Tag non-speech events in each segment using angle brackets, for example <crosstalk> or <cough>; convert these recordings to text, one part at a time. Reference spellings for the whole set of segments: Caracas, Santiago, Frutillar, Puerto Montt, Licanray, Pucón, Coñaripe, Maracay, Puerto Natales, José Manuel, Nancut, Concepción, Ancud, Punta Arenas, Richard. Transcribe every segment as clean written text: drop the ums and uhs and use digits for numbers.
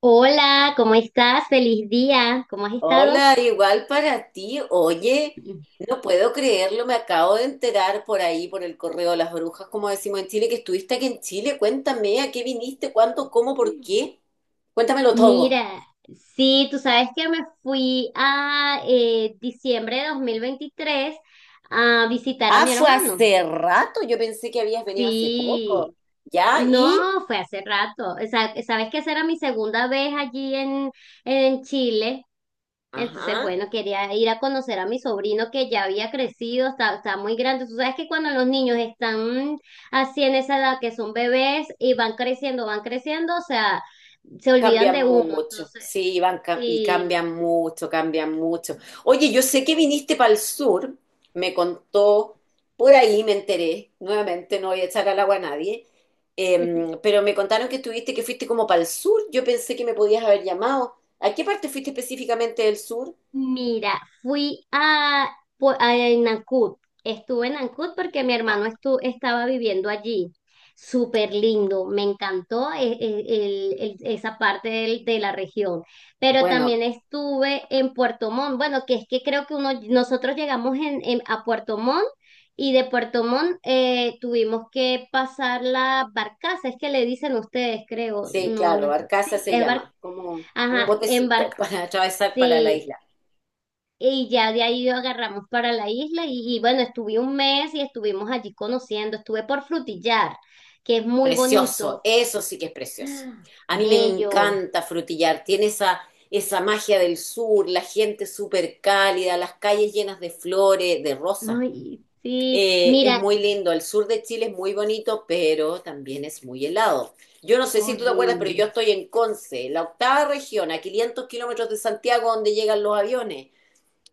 Hola, ¿cómo estás? Feliz día. ¿Cómo has estado? Hola, igual para ti. Oye, no puedo creerlo, me acabo de enterar por ahí, por el correo de las brujas, como decimos en Chile, que estuviste aquí en Chile. Cuéntame, ¿a qué viniste? ¿Cuándo? ¿Cómo? ¿Por qué? Cuéntamelo Mira, todo. sí, tú sabes que me fui a diciembre de 2023 a visitar a Ah, mi fue hermano. hace rato, yo pensé que habías venido hace Sí, poco. ¿Ya? ¿Y? no, fue hace rato. O sea, sabes que esa era mi segunda vez allí en Chile. Entonces, Ajá. bueno, quería ir a conocer a mi sobrino que ya había crecido, está muy grande. Tú sabes que cuando los niños están así en esa edad que son bebés y van creciendo, o sea, se olvidan Cambian de uno. mucho, Entonces, sí, y sí. cambian mucho, cambian mucho. Oye, yo sé que viniste para el sur, me contó, por ahí me enteré, nuevamente no voy a echar al agua a nadie, <laughs> pero me contaron que estuviste, que fuiste como para el sur, yo pensé que me podías haber llamado. ¿A qué parte fuiste específicamente del sur? Mira, fui a Nancut. Estuve en Nancut porque mi Ah, hermano estaba viviendo allí. Súper lindo, me encantó esa parte de la región. Pero bueno, también estuve en Puerto Montt. Bueno, que es que creo que uno, nosotros llegamos a Puerto Montt y de Puerto Montt tuvimos que pasar la barcaza. Es que le dicen ustedes, creo. sí, No, no es. claro, Arcasa Sí, se es barcaza. llama, como un Ajá, botecito embar, <laughs> para atravesar para la sí. isla. Y ya de ahí agarramos para la isla y bueno, estuve un mes y estuvimos allí conociendo, estuve por Frutillar, que es muy Precioso, bonito, eso sí que es precioso. A mí me bello, encanta Frutillar, tiene esa magia del sur, la gente súper cálida, las calles llenas de flores, de rosas. ay, sí, Es mira, muy lindo, el sur de Chile es muy bonito, pero también es muy helado. Yo no sé si tú te acuerdas, pero horrible. yo estoy en Conce, la octava región, a 500 kilómetros de Santiago, donde llegan los aviones.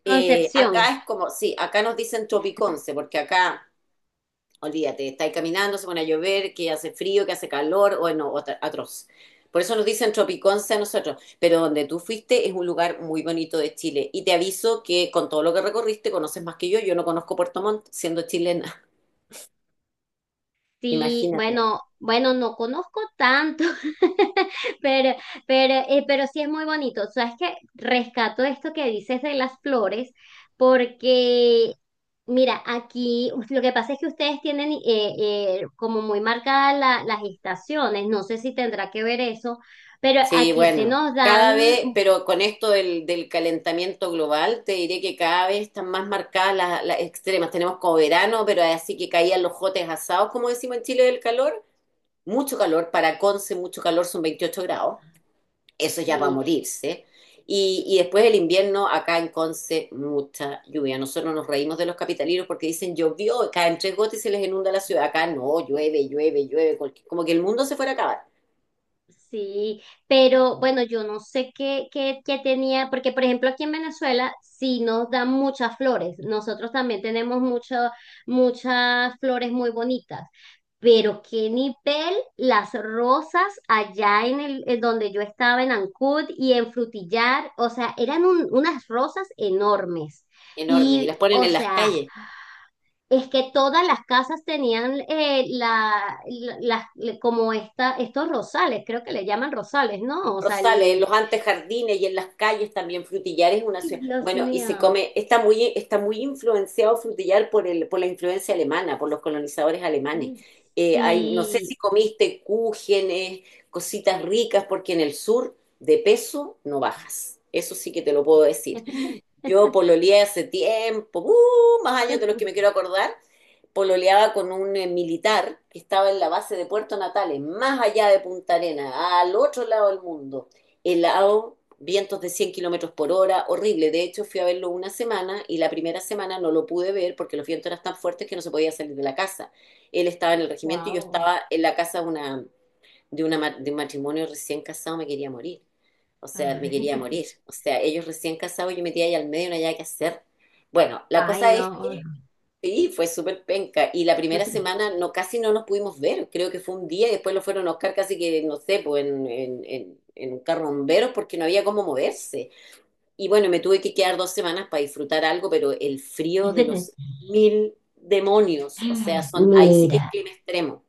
Concepción. Acá es como, sí, acá nos dicen Tropiconce, porque acá olvídate, estáis caminando, se pone a llover, que hace frío, que hace calor, bueno, atroz. Por eso nos dicen Tropiconce a nosotros, pero donde tú fuiste es un lugar muy bonito de Chile. Y te aviso que con todo lo que recorriste conoces más que yo no conozco Puerto Montt siendo chilena, <laughs> Sí, imagínate. Bueno, no conozco tanto, <laughs> pero, pero sí es muy bonito. Sabes que rescato esto que dices de las flores, porque, mira, aquí uf, lo que pasa es que ustedes tienen como muy marcadas las estaciones, no sé si tendrá que ver eso, pero Sí, aquí se bueno, nos cada dan, vez, pero con esto del calentamiento global, te diré que cada vez están más marcadas las extremas. Tenemos como verano, pero así que caían los jotes asados, como decimos en Chile, del calor. Mucho calor, para Conce mucho calor, son 28 grados, eso ya va a sí. morirse. Y después el invierno, acá en Conce, mucha lluvia. Nosotros nos reímos de los capitalinos porque dicen llovió, caen tres gotas y se les inunda la ciudad. Acá no, llueve, llueve, llueve, como que el mundo se fuera a acabar. Sí, pero bueno, yo no sé qué tenía, porque por ejemplo aquí en Venezuela sí nos dan muchas flores, nosotros también tenemos muchas flores muy bonitas, pero qué nivel las rosas allá en el en donde yo estaba en Ancud y en Frutillar, o sea, eran unas rosas enormes. Enorme. Y las Y, ponen o en las sea, calles. es que todas las casas tenían como estos rosales, creo que le llaman rosales, ¿no? O sea, Rosales, en el... los antejardines y en las calles también, Frutillar es una ¡Ay, ciudad, Dios bueno, y se mío! come, está muy influenciado Frutillar por el, por la influencia alemana, por los colonizadores alemanes. Hay, no sé Sí. si comiste cúgenes, cositas ricas, porque en el sur de peso no bajas. Eso sí que te lo puedo decir. <laughs> Yo pololeé hace tiempo, ¡uh! Más años de los que me quiero acordar. Pololeaba con un militar que estaba en la base de Puerto Natales, más allá de Punta Arenas, al otro lado del mundo. Helado, vientos de 100 kilómetros por hora, horrible. De hecho, fui a verlo una semana y la primera semana no lo pude ver porque los vientos eran tan fuertes que no se podía salir de la casa. Él estaba en el regimiento y yo Wow. estaba en la casa de una de, una, de un matrimonio recién casado me quería morir. O sea, me quería Ay, morir. O sea, ellos recién casados, yo metía ahí al medio, no había que hacer. Bueno, <laughs> la ay, cosa es no. que sí, fue súper penca. Y la primera semana no, casi no nos pudimos ver. Creo que fue un día y después lo fueron a Oscar casi que, no sé, pues en un carro de bomberos porque no había cómo moverse. Y bueno, me tuve que quedar 2 semanas para disfrutar algo, pero el frío de los <laughs> mil demonios, o sea, son, ahí sí que es Mira. clima extremo.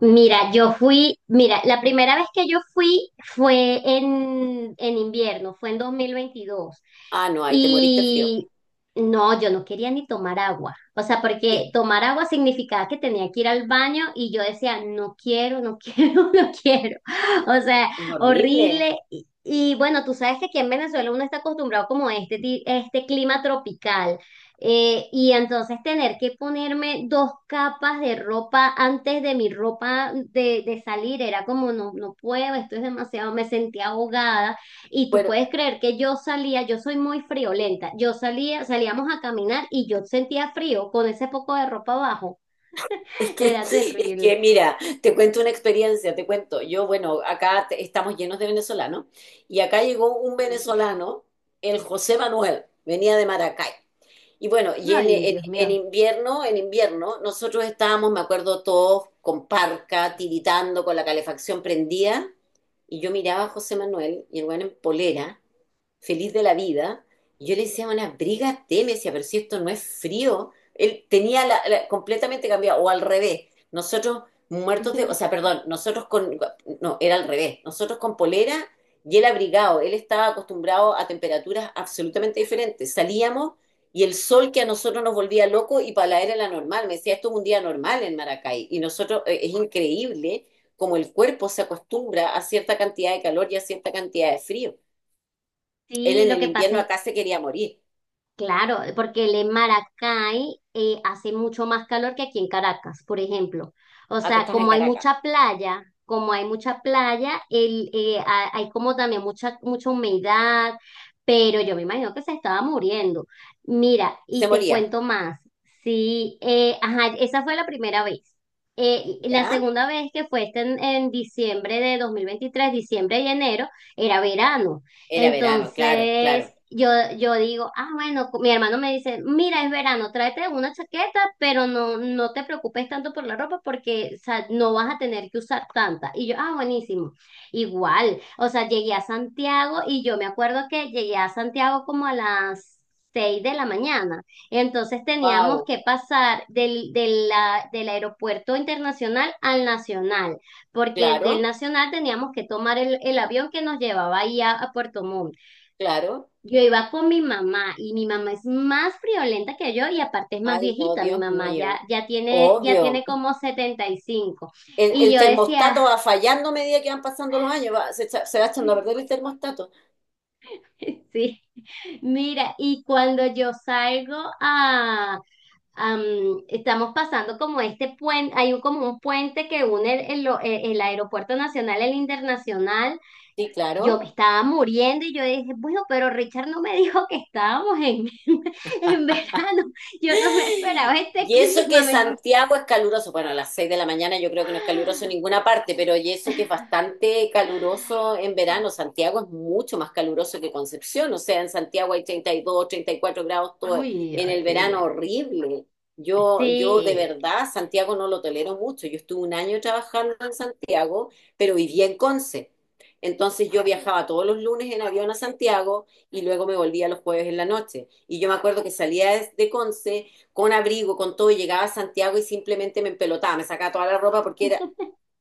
Mira, yo fui, mira, la primera vez que yo fui fue en invierno, fue en 2022. Ah, no, ahí te moriste frío. Y no, yo no quería ni tomar agua. O sea, porque Sí. tomar agua significaba que tenía que ir al baño y yo decía, no quiero, no quiero, <laughs> no quiero. O sea, Es horrible. horrible. Y bueno, tú sabes que aquí en Venezuela uno está acostumbrado como a este clima tropical. Y entonces tener que ponerme dos capas de ropa antes de mi ropa de salir era como no, no puedo, esto es demasiado, me sentía ahogada y tú Bueno, puedes creer que yo salía, yo soy muy friolenta, yo salía, salíamos a caminar y yo sentía frío con ese poco de ropa abajo, <laughs> es que, era es terrible. que mira, te cuento una experiencia, te cuento. Yo, bueno, acá estamos llenos de venezolanos y acá llegó un venezolano, el José Manuel, venía de Maracay. Y bueno, y en, Ay, en- Dios en mío. invierno, en invierno, nosotros estábamos, me acuerdo, todos con parca, tiritando, con la calefacción prendida. Y yo miraba a José Manuel y el weón en polera feliz de la vida. Y yo le decía, una briga me decía, pero si esto no es frío, él tenía la, completamente cambiado, o al revés. Nosotros muertos de, o sea, <laughs> perdón, nosotros con, no, era al revés, nosotros con polera y él abrigado, él estaba acostumbrado a temperaturas absolutamente diferentes. Salíamos y el sol que a nosotros nos volvía loco y para la era la normal. Me decía, esto es un día normal en Maracay. Y nosotros, es increíble como el cuerpo se acostumbra a cierta cantidad de calor y a cierta cantidad de frío. Él Sí, en lo el que pasa invierno es acá se quería morir. claro, porque el en Maracay hace mucho más calor que aquí en Caracas, por ejemplo. O Ah, tú sea, estás en como hay Caracas. mucha playa, como hay mucha playa, hay como también mucha humedad, pero yo me imagino que se estaba muriendo. Mira, y Se te moría. cuento más. Sí, ajá, esa fue la primera vez. La ¿Ya? segunda vez que fue este en diciembre de 2023, diciembre y enero, era verano. Era verano, claro, Entonces, claro. yo digo, ah, bueno, mi hermano me dice, mira, es verano, tráete una chaqueta, pero no, no te preocupes tanto por la ropa porque, o sea, no vas a tener que usar tanta. Y yo, ah, buenísimo. Igual, o sea, llegué a Santiago y yo me acuerdo que llegué a Santiago como a las 6 de la mañana. Entonces teníamos Wow, que pasar del aeropuerto internacional al nacional porque del claro, Nacional teníamos que tomar el avión que nos llevaba ahí a Puerto Montt. claro. Yo iba con mi mamá y mi mamá es más friolenta que yo y aparte es más Ay, no, viejita, mi Dios mamá mío. Ya tiene Obvio. como 75. Y cinco. Y El yo decía, termostato va fallando a medida que van pasando los años. Se va echando a perder el termostato. <laughs> sí, mira, y cuando yo salgo a, am, estamos pasando como este puente, hay un, como un puente que une el Aeropuerto Nacional, el Internacional. Sí, Yo me claro. estaba muriendo y yo dije, bueno, pero Richard no me <laughs> dijo que estábamos en, <laughs> en verano. Yo no me <gasps> esperaba este Y eso clima. que Me... Santiago es caluroso, bueno, a las 6 de la mañana yo creo que no es caluroso en ninguna parte, pero y eso que es bastante caluroso en verano, <laughs> <sighs> Santiago es mucho más caluroso que Concepción, o sea, en Santiago hay 30, 32, 34 grados todo Uy, en el verano horrible. horrible. Yo de Sí, verdad Santiago no lo tolero mucho, yo estuve un año trabajando en Santiago, pero vivía en Conce. Entonces yo viajaba todos los lunes en avión a Santiago, y luego me volvía los jueves en la noche. Y yo me acuerdo que salía de Conce con abrigo, con todo, y llegaba a Santiago y simplemente me empelotaba, me sacaba toda la ropa porque era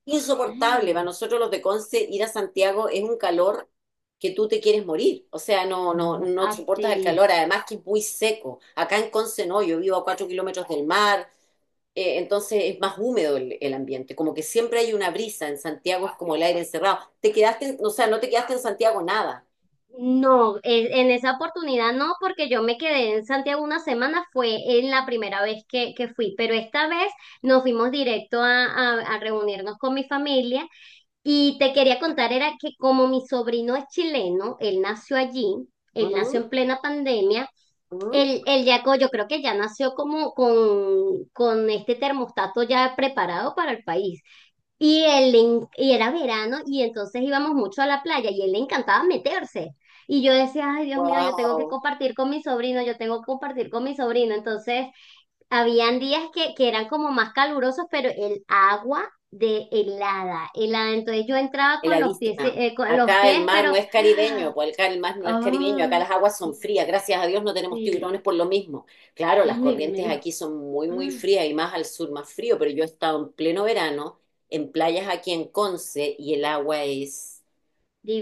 insoportable. Para nosotros los de Conce ir a Santiago es un calor que tú te quieres morir, o sea, no, no, no soportas el así. calor, además que es muy seco. Acá en Conce no, yo vivo a 4 kilómetros del mar, entonces es más húmedo el ambiente, como que siempre hay una brisa, en Santiago es como el aire encerrado. Te quedaste, o sea, no te quedaste en Santiago nada. No, en esa oportunidad no, porque yo me quedé en Santiago una semana, fue en la primera vez que fui, pero esta vez nos fuimos directo a reunirnos con mi familia. Y te quería contar, era que como mi sobrino es chileno, él nació allí, él Mm, nació en plena pandemia, mm. Yo creo que ya nació como con este termostato ya preparado para el país. Y era verano y entonces íbamos mucho a la playa y él le encantaba meterse. Y yo decía, ay, Dios mío, yo tengo que Wow, compartir con mi sobrino, yo tengo que compartir con mi sobrino. Entonces, habían días que eran como más calurosos, pero el agua de helada, helada. Entonces yo entraba heladísima. Con los Acá pies, el mar pero... no es caribeño, pues acá el mar no es caribeño, acá ah, las aguas son frías, gracias a Dios no tenemos sí, tiburones por lo mismo. Claro, las <laughs> ay, corrientes me- aquí son muy, muy frías y más al sur más frío, pero yo he estado en pleno verano en playas aquí en Conce y el agua es...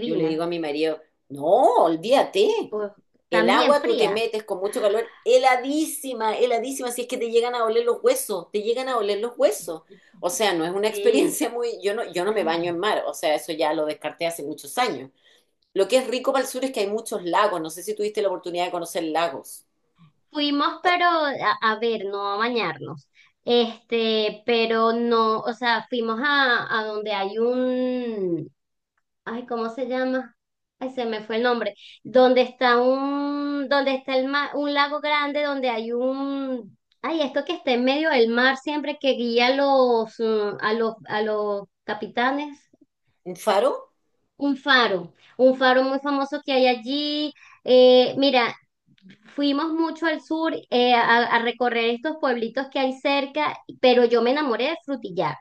Yo le digo a mi marido, no, olvídate. Pues, El también agua tú te fría. metes con mucho calor, heladísima, heladísima, si es que te llegan a oler los huesos, te llegan a oler los huesos. O sea, no es una <laughs> Sí. experiencia muy, yo no, yo no me baño en mar, o sea, eso ya lo descarté hace muchos años. Lo que es rico para el sur es que hay muchos lagos, no sé si tuviste la oportunidad de conocer lagos. Fuimos, pero a ver, no a bañarnos. Este, pero no, o sea, fuimos a donde hay un, ay, ¿cómo se llama? Ay, se me fue el nombre. Donde está un, donde está un lago grande, donde hay un, ay, esto que está en medio del mar siempre que guía a los, mm, a los capitanes. ¿Un faro? Un faro muy famoso que hay allí. Mira, fuimos mucho al sur a recorrer estos pueblitos que hay cerca, pero yo me enamoré de Frutillar.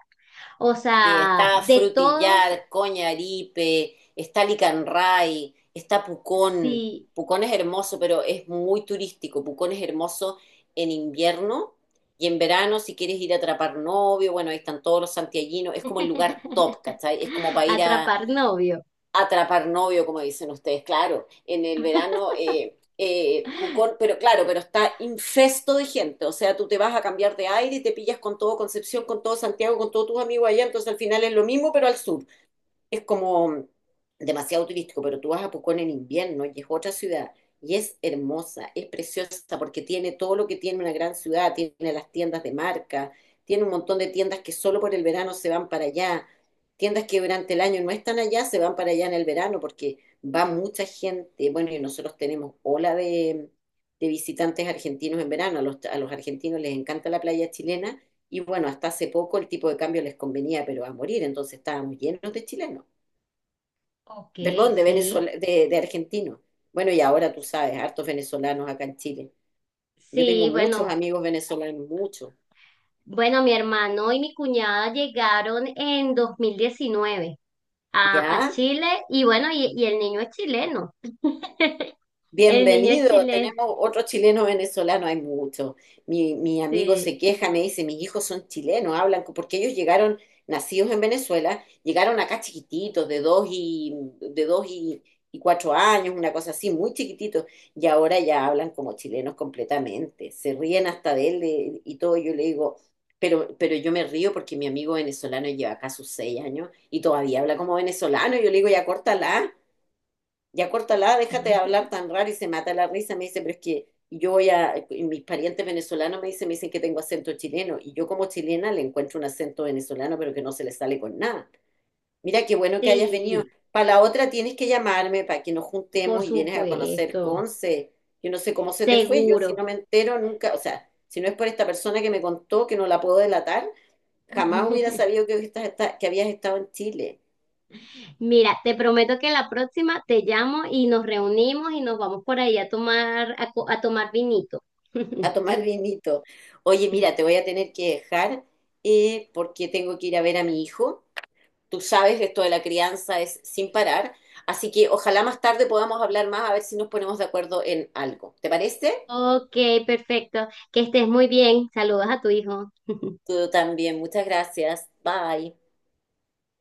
O Sí, sea, está de todos, Frutillar, Coñaripe, está Licanray, está Pucón. sí. Pucón es hermoso, pero es muy turístico. Pucón es hermoso en invierno y en verano, si quieres ir a atrapar novio, bueno, ahí están todos los santiaguinos. Es como el lugar top, <laughs> ¿cachai? Es como para ir a... Atrapar novio. Atrapar novio, como dicen ustedes, claro. En el verano, tú con- pero claro, pero está infesto de gente. O sea, tú te vas a cambiar de aire y te pillas con todo Concepción, con todo Santiago, con todos tus amigos allá. Entonces al final es lo mismo, pero al sur es como demasiado turístico, pero tú vas a Pucón en invierno y es otra ciudad y es hermosa, es preciosa porque tiene todo lo que tiene una gran ciudad, tiene las tiendas de marca, tiene un montón de tiendas que solo por el verano se van para allá, tiendas que durante el año no están allá, se van para allá en el verano porque va mucha gente, bueno, y nosotros tenemos ola de visitantes argentinos en verano, a los argentinos les encanta la playa chilena. Y bueno, hasta hace poco el tipo de cambio les convenía, pero a morir, entonces estábamos llenos de chilenos Ok, perdón, de sí. Venezuela, de argentinos. Bueno, y ahora tú sabes, hartos venezolanos acá en Chile. Yo tengo Sí, muchos amigos venezolanos, muchos. bueno, mi hermano y mi cuñada llegaron en 2019 a ¿Ya? Chile y bueno, y el niño es chileno. <laughs> El niño es Bienvenido, chileno, tenemos otro chileno venezolano, hay mucho. Mi amigo sí. se queja, me dice, mis hijos son chilenos, hablan, porque ellos llegaron, nacidos en Venezuela, llegaron acá chiquititos, de dos y 4 años, una cosa así, muy chiquititos, y ahora ya hablan como chilenos completamente, se ríen hasta de él de- y todo, yo le digo, pero yo me río porque mi amigo venezolano lleva acá sus 6 años y todavía habla como venezolano, yo le digo, ya córtala, déjate de hablar tan raro y se mata la risa. Me dice, pero es que yo voy a, y mis parientes venezolanos me dicen que tengo acento chileno y yo como chilena le encuentro un acento venezolano, pero que no se le sale con nada. Mira qué bueno que hayas venido. Sí, Para la otra tienes que llamarme para que nos por juntemos y vienes a conocer supuesto, Conce. Yo no sé cómo se te fue, yo si seguro. no me entero nunca, o sea, si no es por esta persona que me contó que no la puedo delatar, jamás hubiera <laughs> sabido que, que habías estado en Chile. Mira, te prometo que la próxima te llamo y nos reunimos y nos vamos por ahí a tomar, a tomar vinito. A <laughs> tomar vinito. Oye, mira, te voy a tener que dejar porque tengo que ir a ver a mi hijo. Tú sabes, esto de la crianza es sin parar, así que ojalá más tarde podamos hablar más a ver si nos ponemos de acuerdo en algo. ¿Te parece? Ok, perfecto. Que estés muy bien. Saludos a tu hijo. <laughs> Tú también, muchas gracias. Bye.